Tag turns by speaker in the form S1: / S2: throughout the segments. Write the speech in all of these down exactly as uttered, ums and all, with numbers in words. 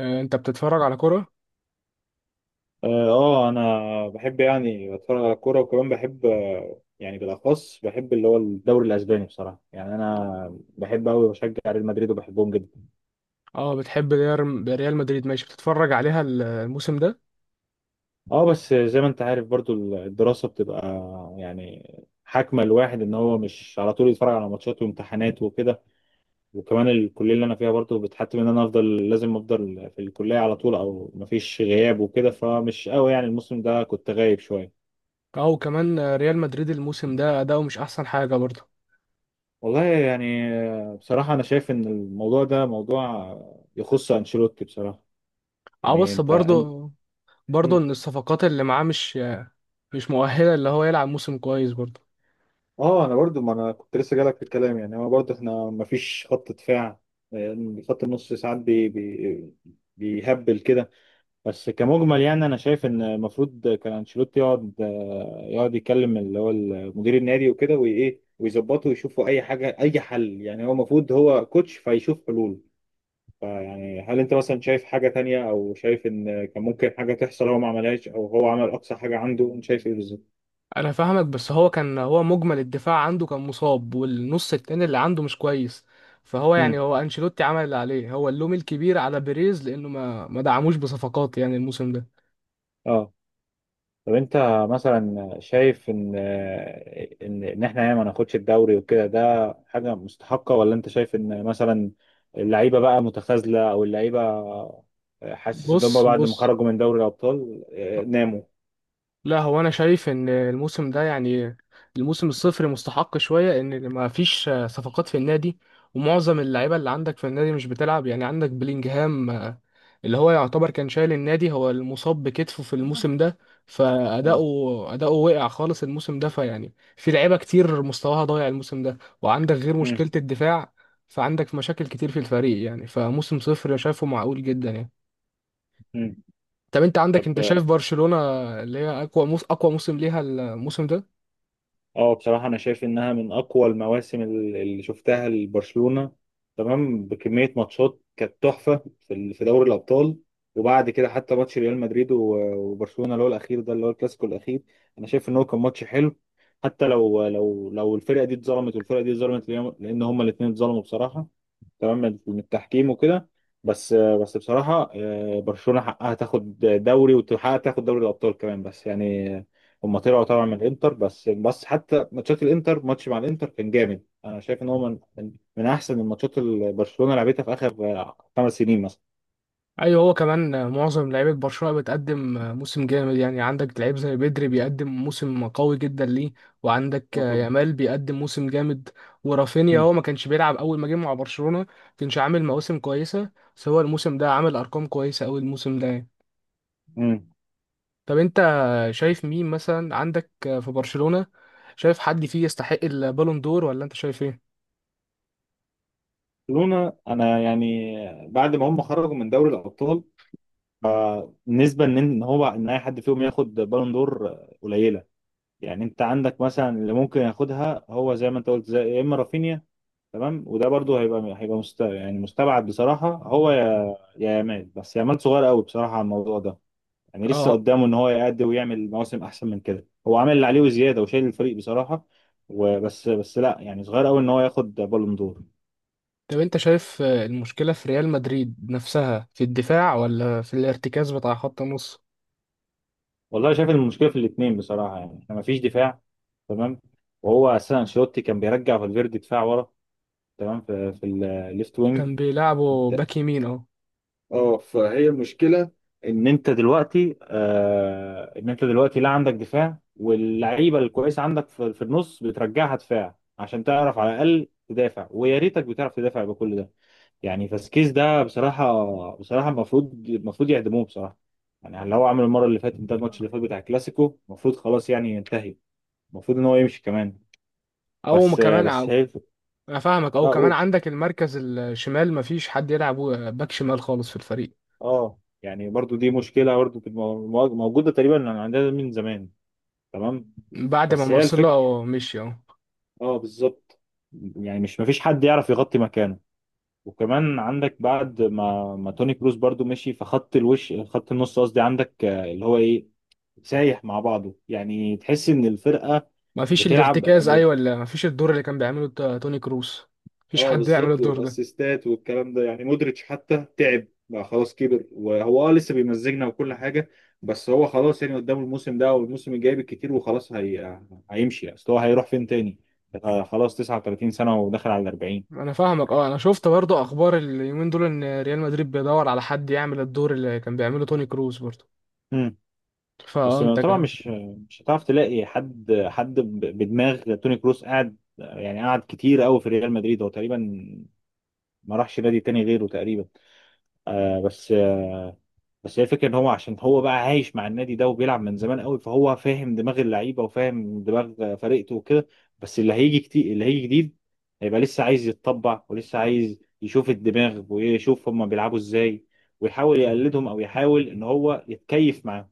S1: آه، انت بتتفرج على كرة؟
S2: اه آه، انا بحب يعني اتفرج على الكوره، وكمان بحب آه، يعني بالاخص بحب اللي هو الدوري الاسباني بصراحه. يعني انا بحب قوي بشجع ريال مدريد وبحبهم جدا.
S1: اه، بتحب ريال ريال مدريد، ماشي. بتتفرج عليها ال- الموسم ده؟
S2: اه بس زي ما انت عارف برضو الدراسه بتبقى يعني حاكمه الواحد ان هو مش على طول يتفرج على ماتشات وامتحانات وكده. وكمان الكليه اللي انا فيها برضو بتحتم ان انا افضل، لازم افضل في الكليه على طول، او مفيش غياب وكده، فمش قوي يعني الموسم ده كنت غايب شويه.
S1: اه، وكمان آه، ريال مدريد الموسم ده اداؤه مش احسن حاجة برضه.
S2: والله يعني بصراحة أنا شايف إن الموضوع ده موضوع يخص أنشيلوتي بصراحة.
S1: اه،
S2: يعني
S1: بس
S2: أنت أن...
S1: برضه برضه
S2: م.
S1: ان الصفقات اللي معاه مش آه، مش مؤهلة اللي هو يلعب موسم كويس برضه.
S2: آه أنا برضو، ما أنا كنت لسه جالك في الكلام، يعني هو برضو إحنا مفيش خط دفاع. يعني خط النص ساعات بي... بي... بيهبل كده. بس كمجمل يعني أنا شايف إن المفروض كان أنشيلوتي يقعد يقعد يكلم اللي هو مدير النادي وكده، وإيه ويظبطوا ويشوفوا أي حاجة أي حل. يعني هو المفروض هو كوتش فيشوف حلول. فيعني هل انت مثلا شايف حاجة تانية، او شايف ان كان ممكن حاجة تحصل هو ما عملهاش، او هو عمل اقصى حاجة عنده، انت شايف ايه بالظبط؟
S1: انا فاهمك، بس هو كان هو مجمل الدفاع عنده كان مصاب، والنص التاني اللي عنده مش كويس. فهو يعني
S2: امم
S1: هو انشيلوتي عمل اللي عليه، هو اللوم الكبير على بيريز لانه ما ما دعموش بصفقات يعني الموسم ده.
S2: اه، طب انت مثلا شايف ان ان ان احنا يعني ما ناخدش الدوري وكده ده حاجه مستحقه، ولا انت شايف ان مثلا اللعيبه بقى متخاذله، او اللعيبه حاسس ان هم
S1: بص
S2: بعد ما
S1: بص،
S2: خرجوا من دوري الابطال آه، ناموا.
S1: لا هو انا شايف ان الموسم ده يعني الموسم الصفر مستحق شويه، ان ما فيش صفقات في النادي ومعظم اللعيبه اللي عندك في النادي مش بتلعب. يعني عندك بلينجهام، آه، اللي هو يعتبر كان شايل النادي، هو المصاب بكتفه في الموسم ده،
S2: اه.
S1: فاداؤه اداؤه وقع خالص الموسم ده. فيعني في لعيبه كتير مستواها ضايع الموسم ده، وعندك غير
S2: مم.
S1: مشكله الدفاع، فعندك مشاكل كتير في الفريق. يعني فموسم صفر شايفه معقول جدا يعني.
S2: مم.
S1: طب انت عندك، انت شايف برشلونة اللي هي اقوى موس اقوى موسم ليها الموسم ده؟
S2: اه بصراحة أنا شايف إنها من أقوى المواسم ال- اللي شفتها لبرشلونة. تمام، بكمية ماتشات كانت تحفة في ال- في دوري الأبطال. وبعد كده حتى ماتش ريال مدريد و- وبرشلونة اللي هو الأخير ده اللي هو الكلاسيكو الأخير، أنا شايف إن هو كان ماتش حلو. حتى لو لو لو الفرقة دي اتظلمت والفرقة دي اتظلمت، لأن لأن هما الاتنين اتظلموا بصراحة. تمام، من من التحكيم وكده. بس بس بصراحة آه، برشلونة حقها تاخد دوري، وتحقق تاخد دوري الأبطال كمان. بس يعني هم طلعوا طبعا من الانتر. بس بس حتى ماتشات الانتر، ماتش مع الانتر كان جامد، انا شايف ان هو من من من احسن الماتشات اللي برشلونة لعبتها في اخر آه، خمس سنين مثلا.
S1: ايوه، هو كمان معظم لعيبه برشلونة بتقدم موسم جامد، يعني عندك لعيب زي بدري بيقدم موسم قوي جدا ليه، وعندك
S2: اه طبعا.
S1: يامال بيقدم موسم جامد ورافينيا.
S2: مم.
S1: هو ما كانش بيلعب اول ما جه مع برشلونة، ما كانش عامل مواسم كويسه، بس هو الموسم ده عامل ارقام كويسه قوي الموسم ده يعني.
S2: مم.
S1: طب انت شايف مين مثلا عندك في برشلونة، شايف حد فيه يستحق البالون دور ولا انت شايف ايه؟
S2: برشلونة انا يعني بعد ما هم خرجوا من دوري الأبطال آه، نسبة ان إن هو ان اي حد فيهم ياخد بالون دور آه، قليلة. يعني انت عندك مثلا اللي ممكن ياخدها هو زي ما انت قلت، زي يا اما رافينيا. تمام، وده برضو هيبقى هيبقى مست... يعني مستبعد بصراحه. هو يا يا يامال. بس يامال صغير قوي بصراحه على الموضوع ده. يعني لسه
S1: اه،
S2: قدامه ان هو يأدي ويعمل مواسم احسن من كده، هو عامل اللي عليه وزياده وشايل الفريق بصراحه. وبس بس لا يعني صغير قوي ان هو ياخد بالون دور.
S1: طب انت شايف آه، المشكلة في ريال مدريد نفسها في الدفاع ولا في الارتكاز بتاع خط النص؟
S2: والله شايف المشكله في الاثنين بصراحه، يعني احنا مفيش دفاع. تمام. وهو اساسا انشيلوتي كان بيرجع فالفيردي دفاع ورا، تمام، في, في الليفت وينج.
S1: كان بيلعبوا باك يمين اهو.
S2: اه فهي المشكله، ان انت دلوقتي آه ان انت دلوقتي لا عندك دفاع، واللعيبه الكويسه عندك في, في النص بترجعها دفاع عشان تعرف على الاقل تدافع، ويا ريتك بتعرف تدافع بكل ده. يعني فاسكيز ده بصراحه بصراحه المفروض المفروض يعدموه بصراحه. يعني اللي هو عمله المره اللي فاتت ده، الماتش اللي فات بتاع الكلاسيكو، المفروض خلاص يعني ينتهي، المفروض ان هو يمشي كمان.
S1: او ما
S2: بس آه،
S1: كمان
S2: بس
S1: او،
S2: هي.
S1: انا فاهمك، او
S2: اه
S1: كمان
S2: قول.
S1: عندك المركز الشمال مفيش حد يلعب آه، باك شمال خالص في الفريق
S2: اه يعني برضو دي مشكله برضو كانت مو- موجوده تقريبا عندنا من زمان. تمام
S1: بعد ما
S2: بس هي الفكرة.
S1: مارسيلو مشي اهو.
S2: اه بالظبط. يعني مش مفيش حد يعرف يغطي مكانه. وكمان عندك بعد ما ما توني كروس برضو مشي، فخط الوش، خط النص قصدي، عندك آه، اللي هو ايه، سايح مع بعضه، يعني تحس ان الفرقة
S1: مفيش
S2: بتلعب.
S1: الارتكاز ايوه، ولا مفيش الدور اللي كان بيعمله تا- توني كروس، مفيش
S2: اه
S1: حد يعمل
S2: بالظبط،
S1: الدور ده.
S2: والاسيستات والكلام ده. يعني مودريتش حتى تعب بقى خلاص كبر، وهو اه لسه بيمزجنا وكل حاجه. بس هو خلاص يعني قدامه الموسم ده والموسم الجاي بالكتير، وخلاص، هي... هيمشي، اصل هو هيروح فين تاني. آه خلاص تسعة وتلاتين سنه وداخل على ال الاربعين.
S1: انا فاهمك، اه، انا شفت برضو اخبار اليومين دول ان ريال مدريد بيدور على حد يعمل الدور اللي كان بيعمله توني كروس برضو.
S2: امم بس
S1: فانت
S2: طبعا مش مش هتعرف تلاقي حد حد ب- بدماغ توني كروس. قاعد يعني قعد كتير قوي في ريال مدريد، هو تقريبا ما راحش نادي تاني غيره تقريبا. آه بس بس هي الفكره ان هو عشان هو بقى عايش مع النادي ده وبيلعب من زمان قوي، فهو فاهم دماغ اللعيبه وفاهم دماغ فرقته وكده. بس اللي هيجي كتير، اللي هيجي جديد، هيبقى لسه عايز يتطبع، ولسه عايز يشوف الدماغ ويشوف هما بيلعبوا ازاي، ويحاول يقلدهم، او يحاول ان هو يتكيف معاهم.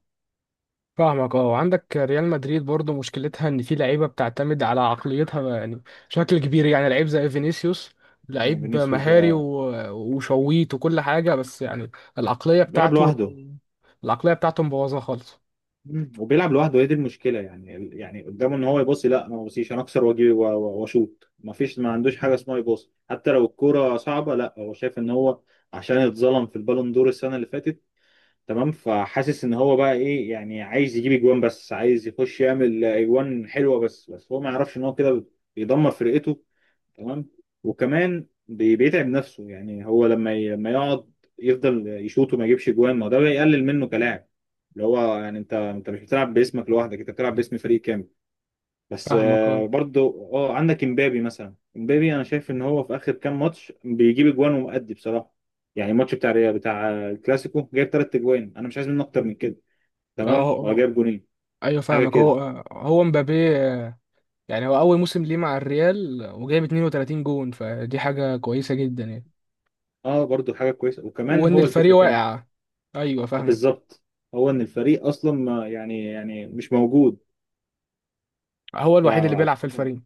S1: فاهمك، اه، وعندك ريال مدريد برضو مشكلتها ان في لعيبه بتعتمد على عقليتها يعني، بشكل كبير، يعني لعيب زي فينيسيوس،
S2: هو
S1: لعيب
S2: فينيسيوس
S1: مهاري
S2: ده
S1: و- وشويت وكل حاجه بس يعني، العقليه
S2: بيلعب
S1: بتاعته
S2: لوحده.
S1: العقليه بتاعته مبوظه خالص.
S2: مم. وبيلعب لوحده، هي دي المشكله. يعني ال- يعني قدامه ان هو يباصي، لا، انا ما بصيش، انا اكسر واجي و- و- واشوط. ما فيش، ما عندوش حاجه اسمها يباصي حتى لو الكوره صعبه. لا، هو شايف ان هو عشان اتظلم في البالون دور السنه اللي فاتت. تمام، فحاسس ان هو بقى ايه، يعني عايز يجيب اجوان، بس عايز يخش يعمل اجوان حلوه. بس بس هو ما يعرفش ان هو كده بيدمر فرقته. تمام. وكمان بي- بيتعب نفسه. يعني هو لما ي- لما يقعد يفضل يشوط وما يجيبش جوان، ما هو ده بيقلل منه كلاعب، اللي هو يعني انت انت مش بتلعب باسمك لوحدك، انت بتلعب باسم فريق كامل. بس
S1: فاهمك، اه.
S2: آه، برضو اه عندك امبابي مثلا. امبابي انا شايف ان هو في اخر كام ماتش بيجيب اجوان ومؤدي بصراحه. يعني الماتش بتاع ريال- بتاع الكلاسيكو جايب ثلاث اجوان، انا مش عايز منه اكتر من كده.
S1: اه.
S2: تمام،
S1: اه.
S2: وجايب جونين
S1: ايوه
S2: حاجه
S1: فاهمك،
S2: كده.
S1: هو هو مبابي، اه، يعني هو اول موسم ليه مع الريال وجايب اتنين وتلاتين جون، فدي حاجه كويسه جدا يعني.
S2: اه برضو حاجه كويسه. وكمان
S1: وان
S2: هو الفكره
S1: الفريق
S2: فين،
S1: واقع، ايوه
S2: آه،
S1: فاهمك،
S2: بالظبط، هو ان الفريق اصلا ما يعني يعني مش موجود.
S1: هو الوحيد اللي بيلعب في
S2: ف
S1: الفريق.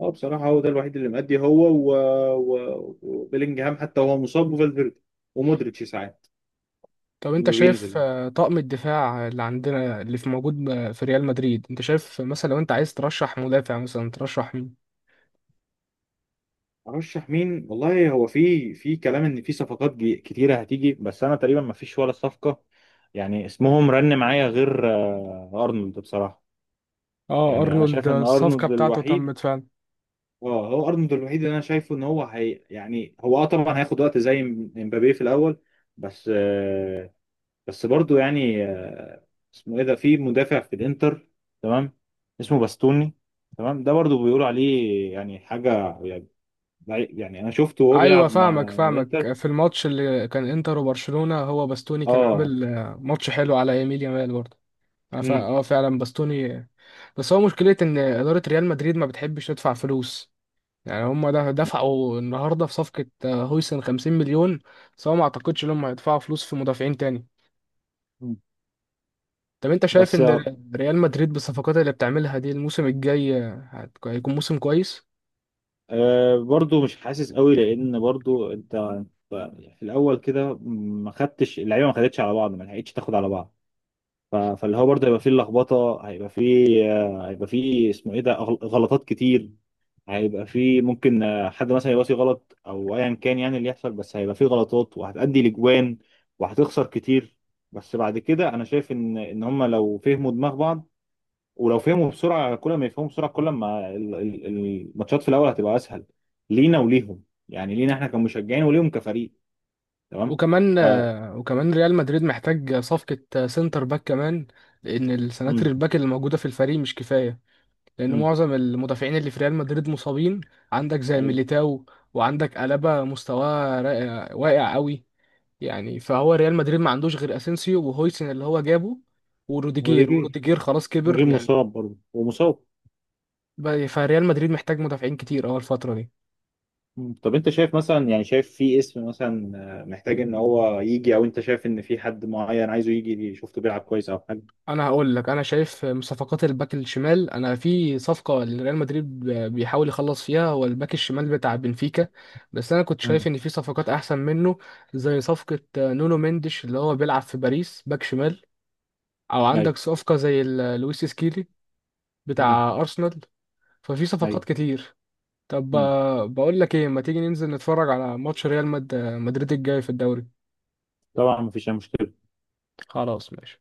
S2: اه بصراحه هو ده الوحيد اللي مأدي، هو و... و... وبيلينجهام حتى وهو مصاب، وفالفيردي، ومودريتش ساعات
S1: طب انت
S2: لما
S1: شايف
S2: بينزل.
S1: آه، طقم الدفاع اللي عندنا اللي في موجود آه، في ريال مدريد، انت شايف مثلا لو انت عايز ترشح مدافع، مثلا ترشح مين؟
S2: ارشح مين، والله هو في في كلام ان في صفقات جي- كتيره هتيجي، بس انا تقريبا ما فيش ولا صفقه. يعني اسمهم رن معايا غير آه، ارنولد بصراحه.
S1: اه،
S2: يعني انا
S1: ارنولد،
S2: شايف
S1: آه،
S2: ان
S1: الصفقة
S2: ارنولد
S1: بتاعته
S2: الوحيد.
S1: تمت فعلا.
S2: اه هو ارنولد الوحيد اللي انا شايفه ان هو هي يعني هو. اه طبعا هياخد وقت زي م- مبابي في الاول. بس بس برضو يعني آه، اسمه ايه ده، في مدافع في الانتر، تمام، اسمه باستوني. تمام ده برضو بيقولوا عليه يعني حاجه يعني. يعني انا شفته وهو
S1: ايوه
S2: بيلعب مع
S1: فاهمك
S2: مع الانتر.
S1: فاهمك في الماتش اللي كان انتر وبرشلونة هو باستوني كان
S2: اه.
S1: عامل آه، ماتش حلو على يميل يامال برضه. اه فا-
S2: امم.
S1: اه فعلا باستوني آه، بس هو مشكلة ان ادارة ريال مدريد ما بتحبش تدفع فلوس. يعني هم ده دفعوا النهارده في صفقة آه، هويسن خمسين مليون، بس هو ما اعتقدش انهم هيدفعوا فلوس في مدافعين تاني. طب انت شايف
S2: بس
S1: ان ر- ريال مدريد بالصفقات اللي بتعملها دي الموسم الجاي آه، هت- هيكون موسم كويس؟
S2: آه، برضو مش حاسس قوي. لان برضو انت أنت في الاول كده ما خدتش اللعيبه، ما خدتش على بعض، ما لحقتش تاخد على بعض. ف- فاللي هو برضه هيبقى فيه لخبطه، هيبقى فيه آه، هيبقى فيه اسمه ايه ده غل- غلطات كتير. هيبقى فيه ممكن آه، حد مثلا يباصي غلط، او ايا كان يعني اللي يحصل، بس هيبقى فيه غلطات وهتأدي لجوان، وهتخسر كتير. بس بعد كده انا شايف ان ان هم لو فهموا دماغ بعض، ولو فهموا بسرعه. كل ما يفهموا بسرعه كل ما ال- ال- الماتشات في الاول هتبقى اسهل لينا وليهم. يعني لينا احنا كمشجعين وليهم كفريق. تمام.
S1: وكمان
S2: ف...
S1: آه، وكمان ريال مدريد محتاج صفقة آه، سنتر باك كمان، لان السناتر
S2: مم.
S1: الباك اللي موجودة في الفريق مش كفاية، لان
S2: مم.
S1: معظم المدافعين اللي في ريال مدريد مصابين. عندك زي
S2: ايوه،
S1: ميليتاو، وعندك ألابا مستواه را- واقع قوي يعني، فهو ريال مدريد ما عندوش غير اسينسيو وهويسن اللي هو جابه وروديجير.
S2: وديجير
S1: وروديجير خلاص كبر
S2: نجيب
S1: يعني،
S2: مصاب برضه ومصاب.
S1: ب- فريال مدريد محتاج مدافعين كتير اول الفترة دي.
S2: مم. طب انت شايف مثلا، يعني شايف في اسم مثلا آه، محتاج ان هو يجي، او انت شايف ان في حد معين عايزه يجي شفته بيلعب كويس او حاجه.
S1: انا هقول لك، انا شايف من صفقات الباك الشمال، انا في صفقه لريال مدريد بيحاول يخلص فيها هو الباك الشمال بتاع بنفيكا، بس انا كنت شايف
S2: مم.
S1: ان في صفقات احسن منه، زي صفقه نونو مندش اللي هو بيلعب في باريس باك شمال، او
S2: ايوه.
S1: عندك صفقه زي ال- لويس سكيلي
S2: امم.
S1: بتاع ارسنال. ففي صفقات
S2: ايوه.
S1: كتير. طب
S2: امم.
S1: آه، بقول لك ايه، ما تيجي ننزل نتفرج على ماتش ريال مد- مدريد الجاي في الدوري؟
S2: طبعا مفيش اي مشكله.
S1: خلاص ماشي.